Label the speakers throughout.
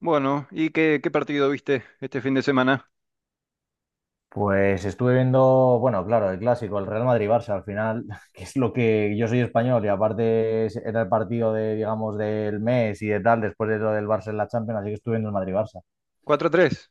Speaker 1: Bueno, ¿y qué partido viste este fin de semana?
Speaker 2: Pues estuve viendo, bueno, claro, el clásico, el Real Madrid-Barça al final, que es lo que yo soy español y aparte era el partido de, digamos, del mes y de tal, después de lo del Barça en la Champions, así que estuve viendo el Madrid-Barça.
Speaker 1: 4-3.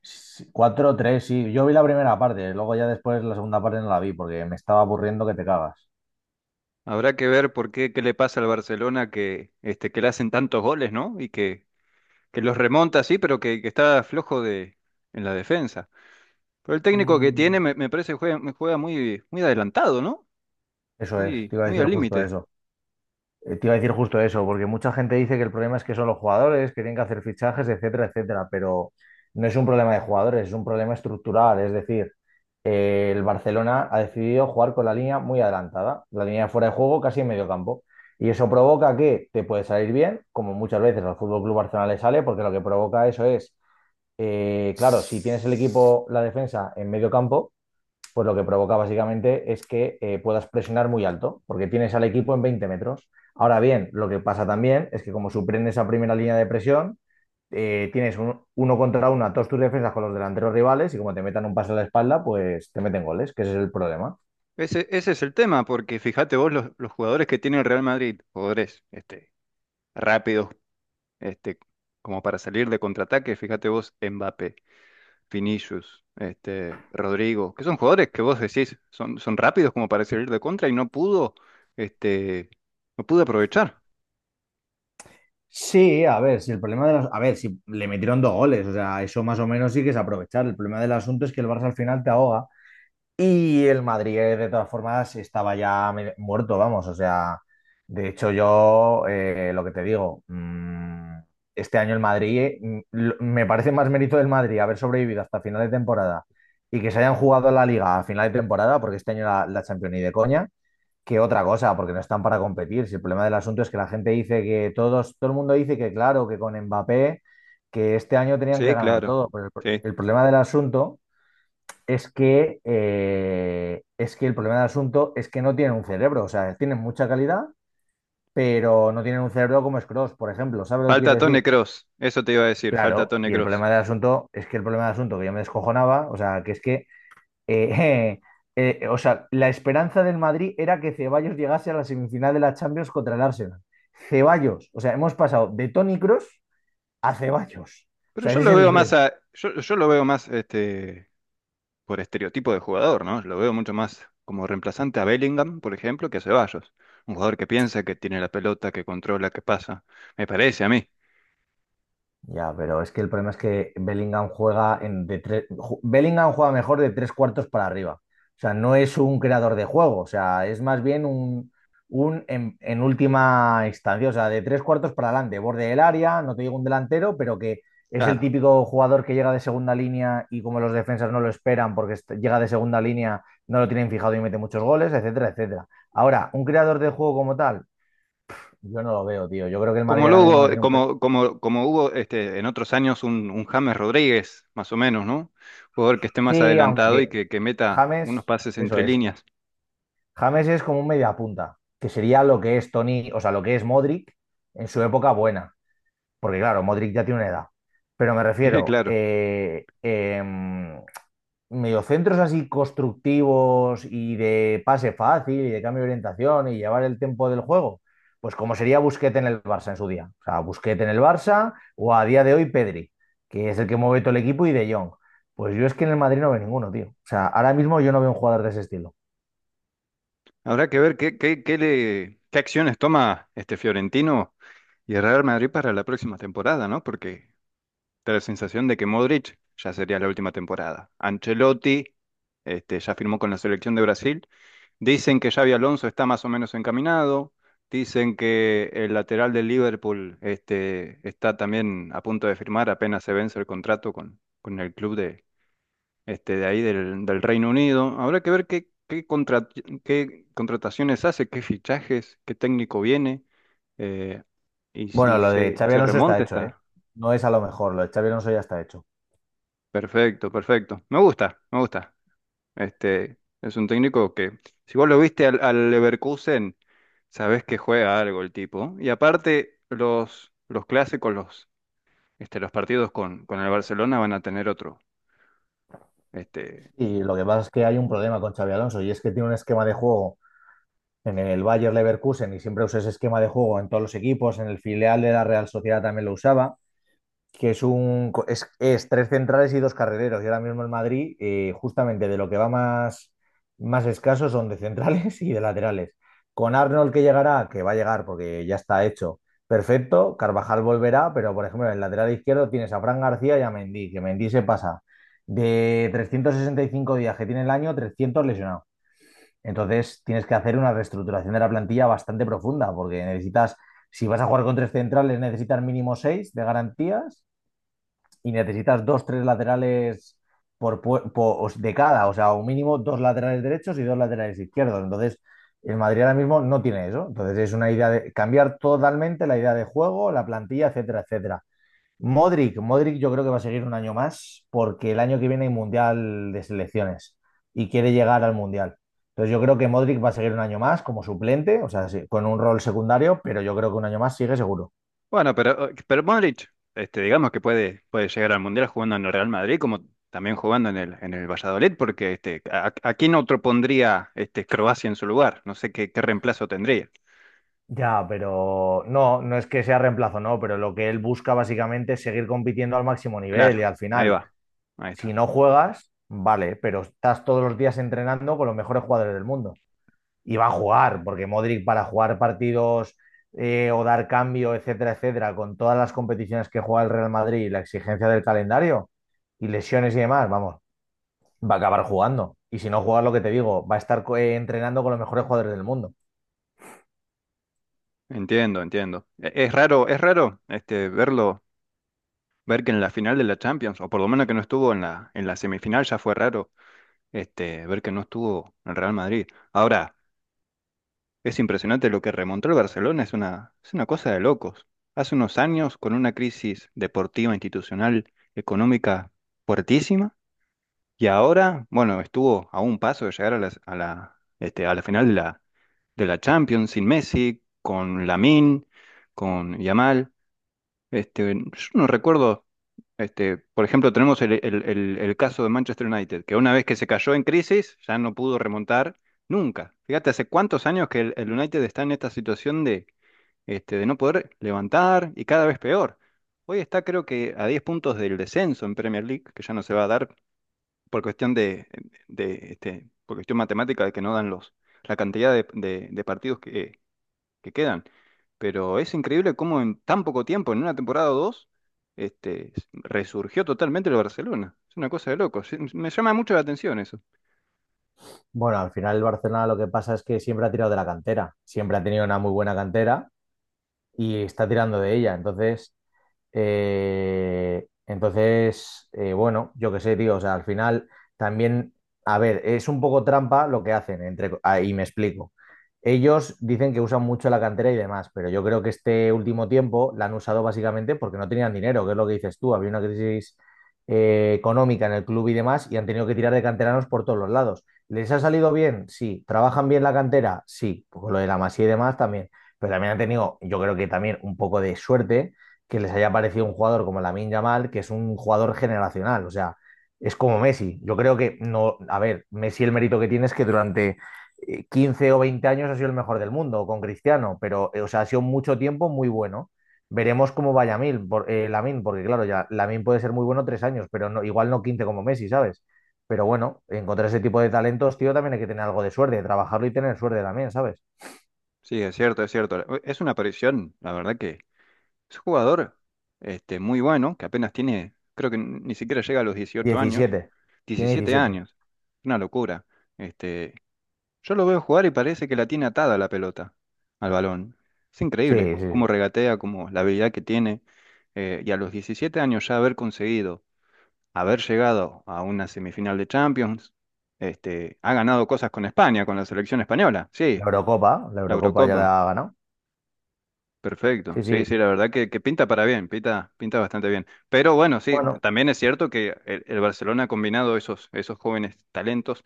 Speaker 2: Sí, 4-3, sí, yo vi la primera parte, luego ya después la segunda parte no la vi porque me estaba aburriendo que te cagas.
Speaker 1: Habrá que ver por qué le pasa al Barcelona que le hacen tantos goles, ¿no? Y que los remonta, sí, pero que está flojo en la defensa. Pero el técnico que
Speaker 2: Mm.
Speaker 1: tiene me parece que me juega muy, muy adelantado, ¿no?
Speaker 2: Eso es,
Speaker 1: Muy,
Speaker 2: te iba a
Speaker 1: muy
Speaker 2: decir
Speaker 1: al
Speaker 2: justo
Speaker 1: límite.
Speaker 2: eso. Te iba a decir justo eso, porque mucha gente dice que el problema es que son los jugadores, que tienen que hacer fichajes, etcétera, etcétera, pero no es un problema de jugadores, es un problema estructural. Es decir, el Barcelona ha decidido jugar con la línea muy adelantada, la línea fuera de juego casi en medio campo. Y eso provoca que te puede salir bien, como muchas veces al Fútbol Club Barcelona le sale, porque lo que provoca eso es, claro, si tienes el equipo, la defensa en medio campo, pues lo que provoca básicamente es que puedas presionar muy alto, porque tienes al equipo en 20 metros. Ahora bien, lo que pasa también es que como superen esa primera línea de presión, tienes uno contra uno a todos tus defensas con los delanteros rivales y como te metan un pase a la espalda, pues te meten goles, que ese es el problema.
Speaker 1: Ese es el tema, porque fíjate vos los jugadores que tiene el Real Madrid, jugadores, rápidos, este, como para salir de contraataque, fíjate vos, Mbappé. Vinicius, Rodrigo, que son jugadores que vos decís, son rápidos como para salir de contra y este, no pudo aprovechar.
Speaker 2: Sí, a ver, si el problema de los... A ver, si le metieron dos goles, o sea, eso más o menos sí que es aprovechar. El problema del asunto es que el Barça al final te ahoga. Y el Madrid, de todas formas, estaba ya muerto, vamos. O sea, de hecho, yo lo que te digo, este año el Madrid, me parece más mérito del Madrid haber sobrevivido hasta final de temporada y que se hayan jugado la Liga a final de temporada, porque este año la Champions ni de coña, que otra cosa, porque no están para competir. Si el problema del asunto es que la gente dice que todos, todo el mundo dice que, claro, que con Mbappé, que este año tenían que
Speaker 1: Sí,
Speaker 2: ganar
Speaker 1: claro.
Speaker 2: todo. Pero
Speaker 1: Sí.
Speaker 2: el problema del asunto es que, el problema del asunto es que no tienen un cerebro, o sea, tienen mucha calidad, pero no tienen un cerebro como Scrooge, por ejemplo, ¿sabes lo que quiero
Speaker 1: Falta Tony
Speaker 2: decir?
Speaker 1: Cross, eso te iba a decir, falta
Speaker 2: Claro,
Speaker 1: Tony
Speaker 2: y el
Speaker 1: Cross.
Speaker 2: problema del asunto es que el problema del asunto que yo me descojonaba, o sea, que es que, eh, o sea, la esperanza del Madrid era que Ceballos llegase a la semifinal de la Champions contra el Arsenal. Ceballos, o sea, hemos pasado de Tony Cross a Ceballos, o
Speaker 1: Pero
Speaker 2: sea,
Speaker 1: yo
Speaker 2: ese es
Speaker 1: lo
Speaker 2: el
Speaker 1: veo más
Speaker 2: nivel.
Speaker 1: por estereotipo de jugador, ¿no? Lo veo mucho más como reemplazante a Bellingham, por ejemplo, que a Ceballos. Un jugador que piensa, que tiene la pelota, que controla, que pasa. Me parece a mí.
Speaker 2: Ya, pero es que el problema es que Bellingham juega en de tres, Bellingham juega mejor de tres cuartos para arriba. O sea, no es un creador de juego, o sea, es más bien en última instancia, o sea, de tres cuartos para adelante, borde del área, no te digo un delantero, pero que es el
Speaker 1: Claro.
Speaker 2: típico jugador que llega de segunda línea y como los defensas no lo esperan porque llega de segunda línea, no lo tienen fijado y mete muchos goles, etcétera, etcétera. Ahora, un creador de juego como tal, yo no lo veo, tío. Yo creo que el Madrid
Speaker 1: Como
Speaker 2: ahora mismo no
Speaker 1: luego,
Speaker 2: tiene
Speaker 1: como, como, como hubo, en otros años un James Rodríguez, más o menos, ¿no? Jugador que esté más
Speaker 2: Sí,
Speaker 1: adelantado y
Speaker 2: aunque
Speaker 1: que meta unos
Speaker 2: James,
Speaker 1: pases
Speaker 2: eso
Speaker 1: entre
Speaker 2: es.
Speaker 1: líneas.
Speaker 2: James es como un mediapunta, que sería lo que es Tony, o sea, lo que es Modric en su época buena. Porque claro, Modric ya tiene una edad. Pero me
Speaker 1: Sí,
Speaker 2: refiero,
Speaker 1: claro.
Speaker 2: mediocentros así constructivos y de pase fácil y de cambio de orientación y llevar el tiempo del juego. Pues como sería Busquets en el Barça en su día. O sea, Busquets en el Barça o a día de hoy Pedri, que es el que mueve todo el equipo y De Jong. Pues yo es que en el Madrid no veo ninguno, tío. O sea, ahora mismo yo no veo un jugador de ese estilo.
Speaker 1: Habrá que ver qué acciones toma este Fiorentino y el Real Madrid para la próxima temporada, ¿no? Porque da la sensación de que Modric ya sería la última temporada. Ancelotti, ya firmó con la selección de Brasil. Dicen que Xavi Alonso está más o menos encaminado. Dicen que el lateral del Liverpool, está también a punto de firmar, apenas se vence el contrato con el club de ahí del Reino Unido. Habrá que ver qué contrataciones hace, qué fichajes, qué técnico viene, eh, y
Speaker 2: Bueno,
Speaker 1: si
Speaker 2: lo de
Speaker 1: se,
Speaker 2: Xavi
Speaker 1: se
Speaker 2: Alonso está
Speaker 1: remonta
Speaker 2: hecho, ¿eh?
Speaker 1: está.
Speaker 2: No es a lo mejor, lo de Xavi Alonso ya está hecho.
Speaker 1: Perfecto, perfecto. Me gusta, me gusta. Es un técnico que, si vos lo viste al Leverkusen, sabés que juega algo el tipo. Y aparte, los clásicos, los partidos con el Barcelona van a tener otro. Este,
Speaker 2: Y lo que pasa es que hay un problema con Xavi Alonso y es que tiene un esquema de juego en el Bayer Leverkusen y siempre usa ese esquema de juego en todos los equipos, en el filial de la Real Sociedad también lo usaba. Que es un es tres centrales y dos carrileros. Y ahora mismo en Madrid, justamente de lo que va más escaso son de centrales y de laterales. Con Arnold que llegará, que va a llegar porque ya está hecho, perfecto. Carvajal volverá, pero por ejemplo en el lateral izquierdo tienes a Fran García y a Mendy, que Mendy se pasa de 365 días que tiene el año, 300 lesionado. Entonces tienes que hacer una reestructuración de la plantilla bastante profunda, porque necesitas, si vas a jugar con tres centrales, necesitas mínimo seis de garantías y necesitas dos, tres laterales de cada, o sea, un mínimo dos laterales derechos y dos laterales izquierdos. Entonces, el Madrid ahora mismo no tiene eso. Entonces, es una idea de cambiar totalmente la idea de juego, la plantilla, etcétera, etcétera. Modric, Modric yo creo que va a seguir un año más porque el año que viene hay Mundial de Selecciones y quiere llegar al Mundial. Entonces yo creo que Modric va a seguir un año más como suplente, o sea, sí, con un rol secundario, pero yo creo que un año más sigue seguro.
Speaker 1: bueno, pero Modric, digamos que puede llegar al Mundial jugando en el Real Madrid, como también jugando en el Valladolid, porque, a quién otro pondría, Croacia en su lugar. No sé qué reemplazo tendría.
Speaker 2: Ya, pero no, no es que sea reemplazo, no, pero lo que él busca básicamente es seguir compitiendo al máximo nivel y
Speaker 1: Claro,
Speaker 2: al
Speaker 1: ahí
Speaker 2: final,
Speaker 1: va. Ahí
Speaker 2: si
Speaker 1: está.
Speaker 2: no juegas, vale, pero estás todos los días entrenando con los mejores jugadores del mundo. Y va a jugar, porque Modric para jugar partidos o dar cambio, etcétera, etcétera, con todas las competiciones que juega el Real Madrid y la exigencia del calendario y lesiones y demás, vamos, va a acabar jugando. Y si no juegas, lo que te digo, va a estar entrenando con los mejores jugadores del mundo.
Speaker 1: Entiendo, entiendo. Es raro verlo, ver que en la final de la Champions, o por lo menos que no estuvo en la semifinal, ya fue raro, ver que no estuvo en Real Madrid. Ahora, es impresionante lo que remontó el Barcelona, es una cosa de locos. Hace unos años, con una crisis deportiva, institucional, económica fuertísima, y ahora, bueno, estuvo a un paso de llegar a la final de la Champions sin Messi, con Lamine, con Yamal. Yo no recuerdo, por ejemplo, tenemos el caso de Manchester United, que una vez que se cayó en crisis, ya no pudo remontar nunca. Fíjate, hace cuántos años que el United está en esta situación de no poder levantar y cada vez peor. Hoy está, creo, que a 10 puntos del descenso en Premier League, que ya no se va a dar por cuestión por cuestión matemática de que no dan la cantidad de partidos que quedan. Pero es increíble cómo en tan poco tiempo, en una temporada o dos, resurgió totalmente el Barcelona. Es una cosa de loco. Sí, me llama mucho la atención eso.
Speaker 2: Bueno, al final el Barcelona lo que pasa es que siempre ha tirado de la cantera, siempre ha tenido una muy buena cantera y está tirando de ella. Bueno, yo qué sé, tío, o sea, al final también, a ver, es un poco trampa lo que hacen, y me explico. Ellos dicen que usan mucho la cantera y demás, pero yo creo que este último tiempo la han usado básicamente porque no tenían dinero, que es lo que dices tú, había una crisis económica en el club y demás, y han tenido que tirar de canteranos por todos los lados. ¿Les ha salido bien? Sí. ¿Trabajan bien la cantera? Sí. Con lo de la Masía y demás también. Pero también han tenido, yo creo que también un poco de suerte que les haya parecido un jugador como Lamine Yamal, que es un jugador generacional, o sea, es como Messi. Yo creo que no, a ver, Messi el mérito que tiene es que durante 15 o 20 años ha sido el mejor del mundo con Cristiano, pero o sea, ha sido mucho tiempo muy bueno. Veremos cómo vaya Lamine, porque claro, ya Lamine puede ser muy bueno 3 años, pero no, igual no 15 como Messi, ¿sabes? Pero bueno, encontrar ese tipo de talentos, tío, también hay que tener algo de suerte, trabajarlo y tener suerte también, ¿sabes?
Speaker 1: Sí, es cierto, es cierto. Es una aparición, la verdad que es un jugador, muy bueno, que apenas tiene, creo que ni siquiera llega a los 18 años,
Speaker 2: Diecisiete. Tiene
Speaker 1: 17
Speaker 2: 17.
Speaker 1: años. Una locura. Este, Yo lo veo jugar y parece que la tiene atada la pelota al balón. Es
Speaker 2: Sí,
Speaker 1: increíble,
Speaker 2: sí. Sí.
Speaker 1: cómo regatea, cómo la habilidad que tiene. Y a los 17 años ya haber conseguido, haber llegado a una semifinal de Champions, ha ganado cosas con España, con la selección española. Sí,
Speaker 2: La
Speaker 1: la
Speaker 2: Eurocopa ya la
Speaker 1: Eurocopa.
Speaker 2: ha ganado.
Speaker 1: Perfecto.
Speaker 2: Sí,
Speaker 1: Sí,
Speaker 2: sí.
Speaker 1: sí, la verdad que pinta para bien, pinta bastante bien. Pero bueno, sí,
Speaker 2: Bueno,
Speaker 1: también es cierto que el Barcelona ha combinado esos jóvenes talentos.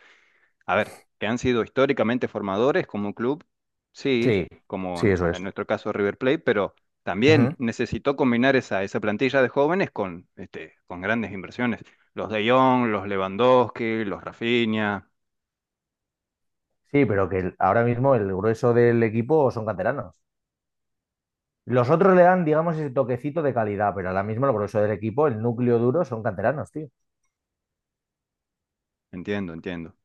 Speaker 1: A ver, que han sido históricamente formadores como un club, sí,
Speaker 2: sí,
Speaker 1: como
Speaker 2: sí,
Speaker 1: en
Speaker 2: eso es.
Speaker 1: en nuestro caso River Plate, pero
Speaker 2: Ujú.
Speaker 1: también necesitó combinar esa plantilla de jóvenes con grandes inversiones. Los De Jong, los Lewandowski, los Rafinha.
Speaker 2: Sí, pero que ahora mismo el grueso del equipo son canteranos. Los otros le dan, digamos, ese toquecito de calidad, pero ahora mismo el grueso del equipo, el núcleo duro, son canteranos, tío.
Speaker 1: Entiendo, entiendo.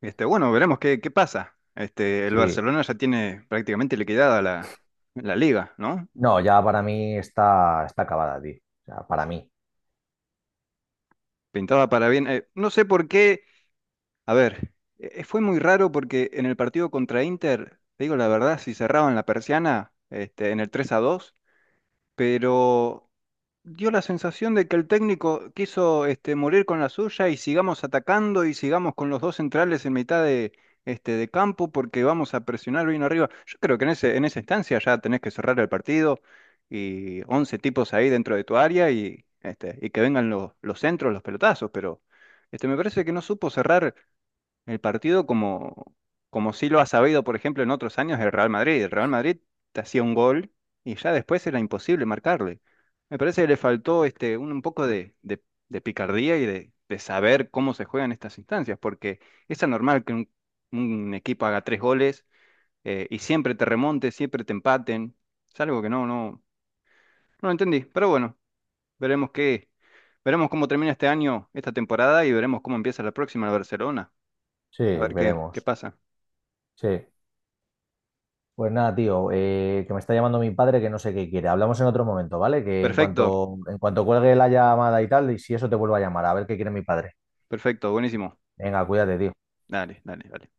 Speaker 1: Bueno, veremos qué pasa. El
Speaker 2: Sí.
Speaker 1: Barcelona ya tiene prácticamente liquidada la liga, ¿no?
Speaker 2: No, ya para mí está acabada, tío. O sea, para mí.
Speaker 1: Pintaba para bien. No sé por qué. A ver, fue muy raro porque en el partido contra Inter, te digo la verdad, si cerraban la persiana, en el 3-2, pero dio la sensación de que el técnico quiso, morir con la suya y sigamos atacando y sigamos con los dos centrales en mitad de campo porque vamos a presionar bien arriba. Yo creo que en esa instancia ya tenés que cerrar el partido y 11 tipos ahí dentro de tu área y que vengan los centros, los pelotazos, pero, me parece que no supo cerrar el partido como sí lo ha sabido, por ejemplo, en otros años el Real Madrid. El Real Madrid te hacía un gol y ya después era imposible marcarle. Me parece que le faltó, un poco de picardía y de saber cómo se juegan estas instancias, porque es anormal que un equipo haga tres goles, y siempre te remonte, siempre te empaten. Es algo que no, no, no entendí. Pero bueno, veremos qué, veremos cómo termina este año, esta temporada, y veremos cómo empieza la próxima el Barcelona.
Speaker 2: Sí,
Speaker 1: A ver qué
Speaker 2: veremos.
Speaker 1: pasa.
Speaker 2: Sí. Pues nada, tío, que me está llamando mi padre que no sé qué quiere. Hablamos en otro momento, ¿vale? Que
Speaker 1: Perfecto,
Speaker 2: en cuanto cuelgue la llamada y tal, y si eso te vuelvo a llamar, a ver qué quiere mi padre.
Speaker 1: perfecto, buenísimo.
Speaker 2: Venga, cuídate, tío.
Speaker 1: Dale, dale, dale.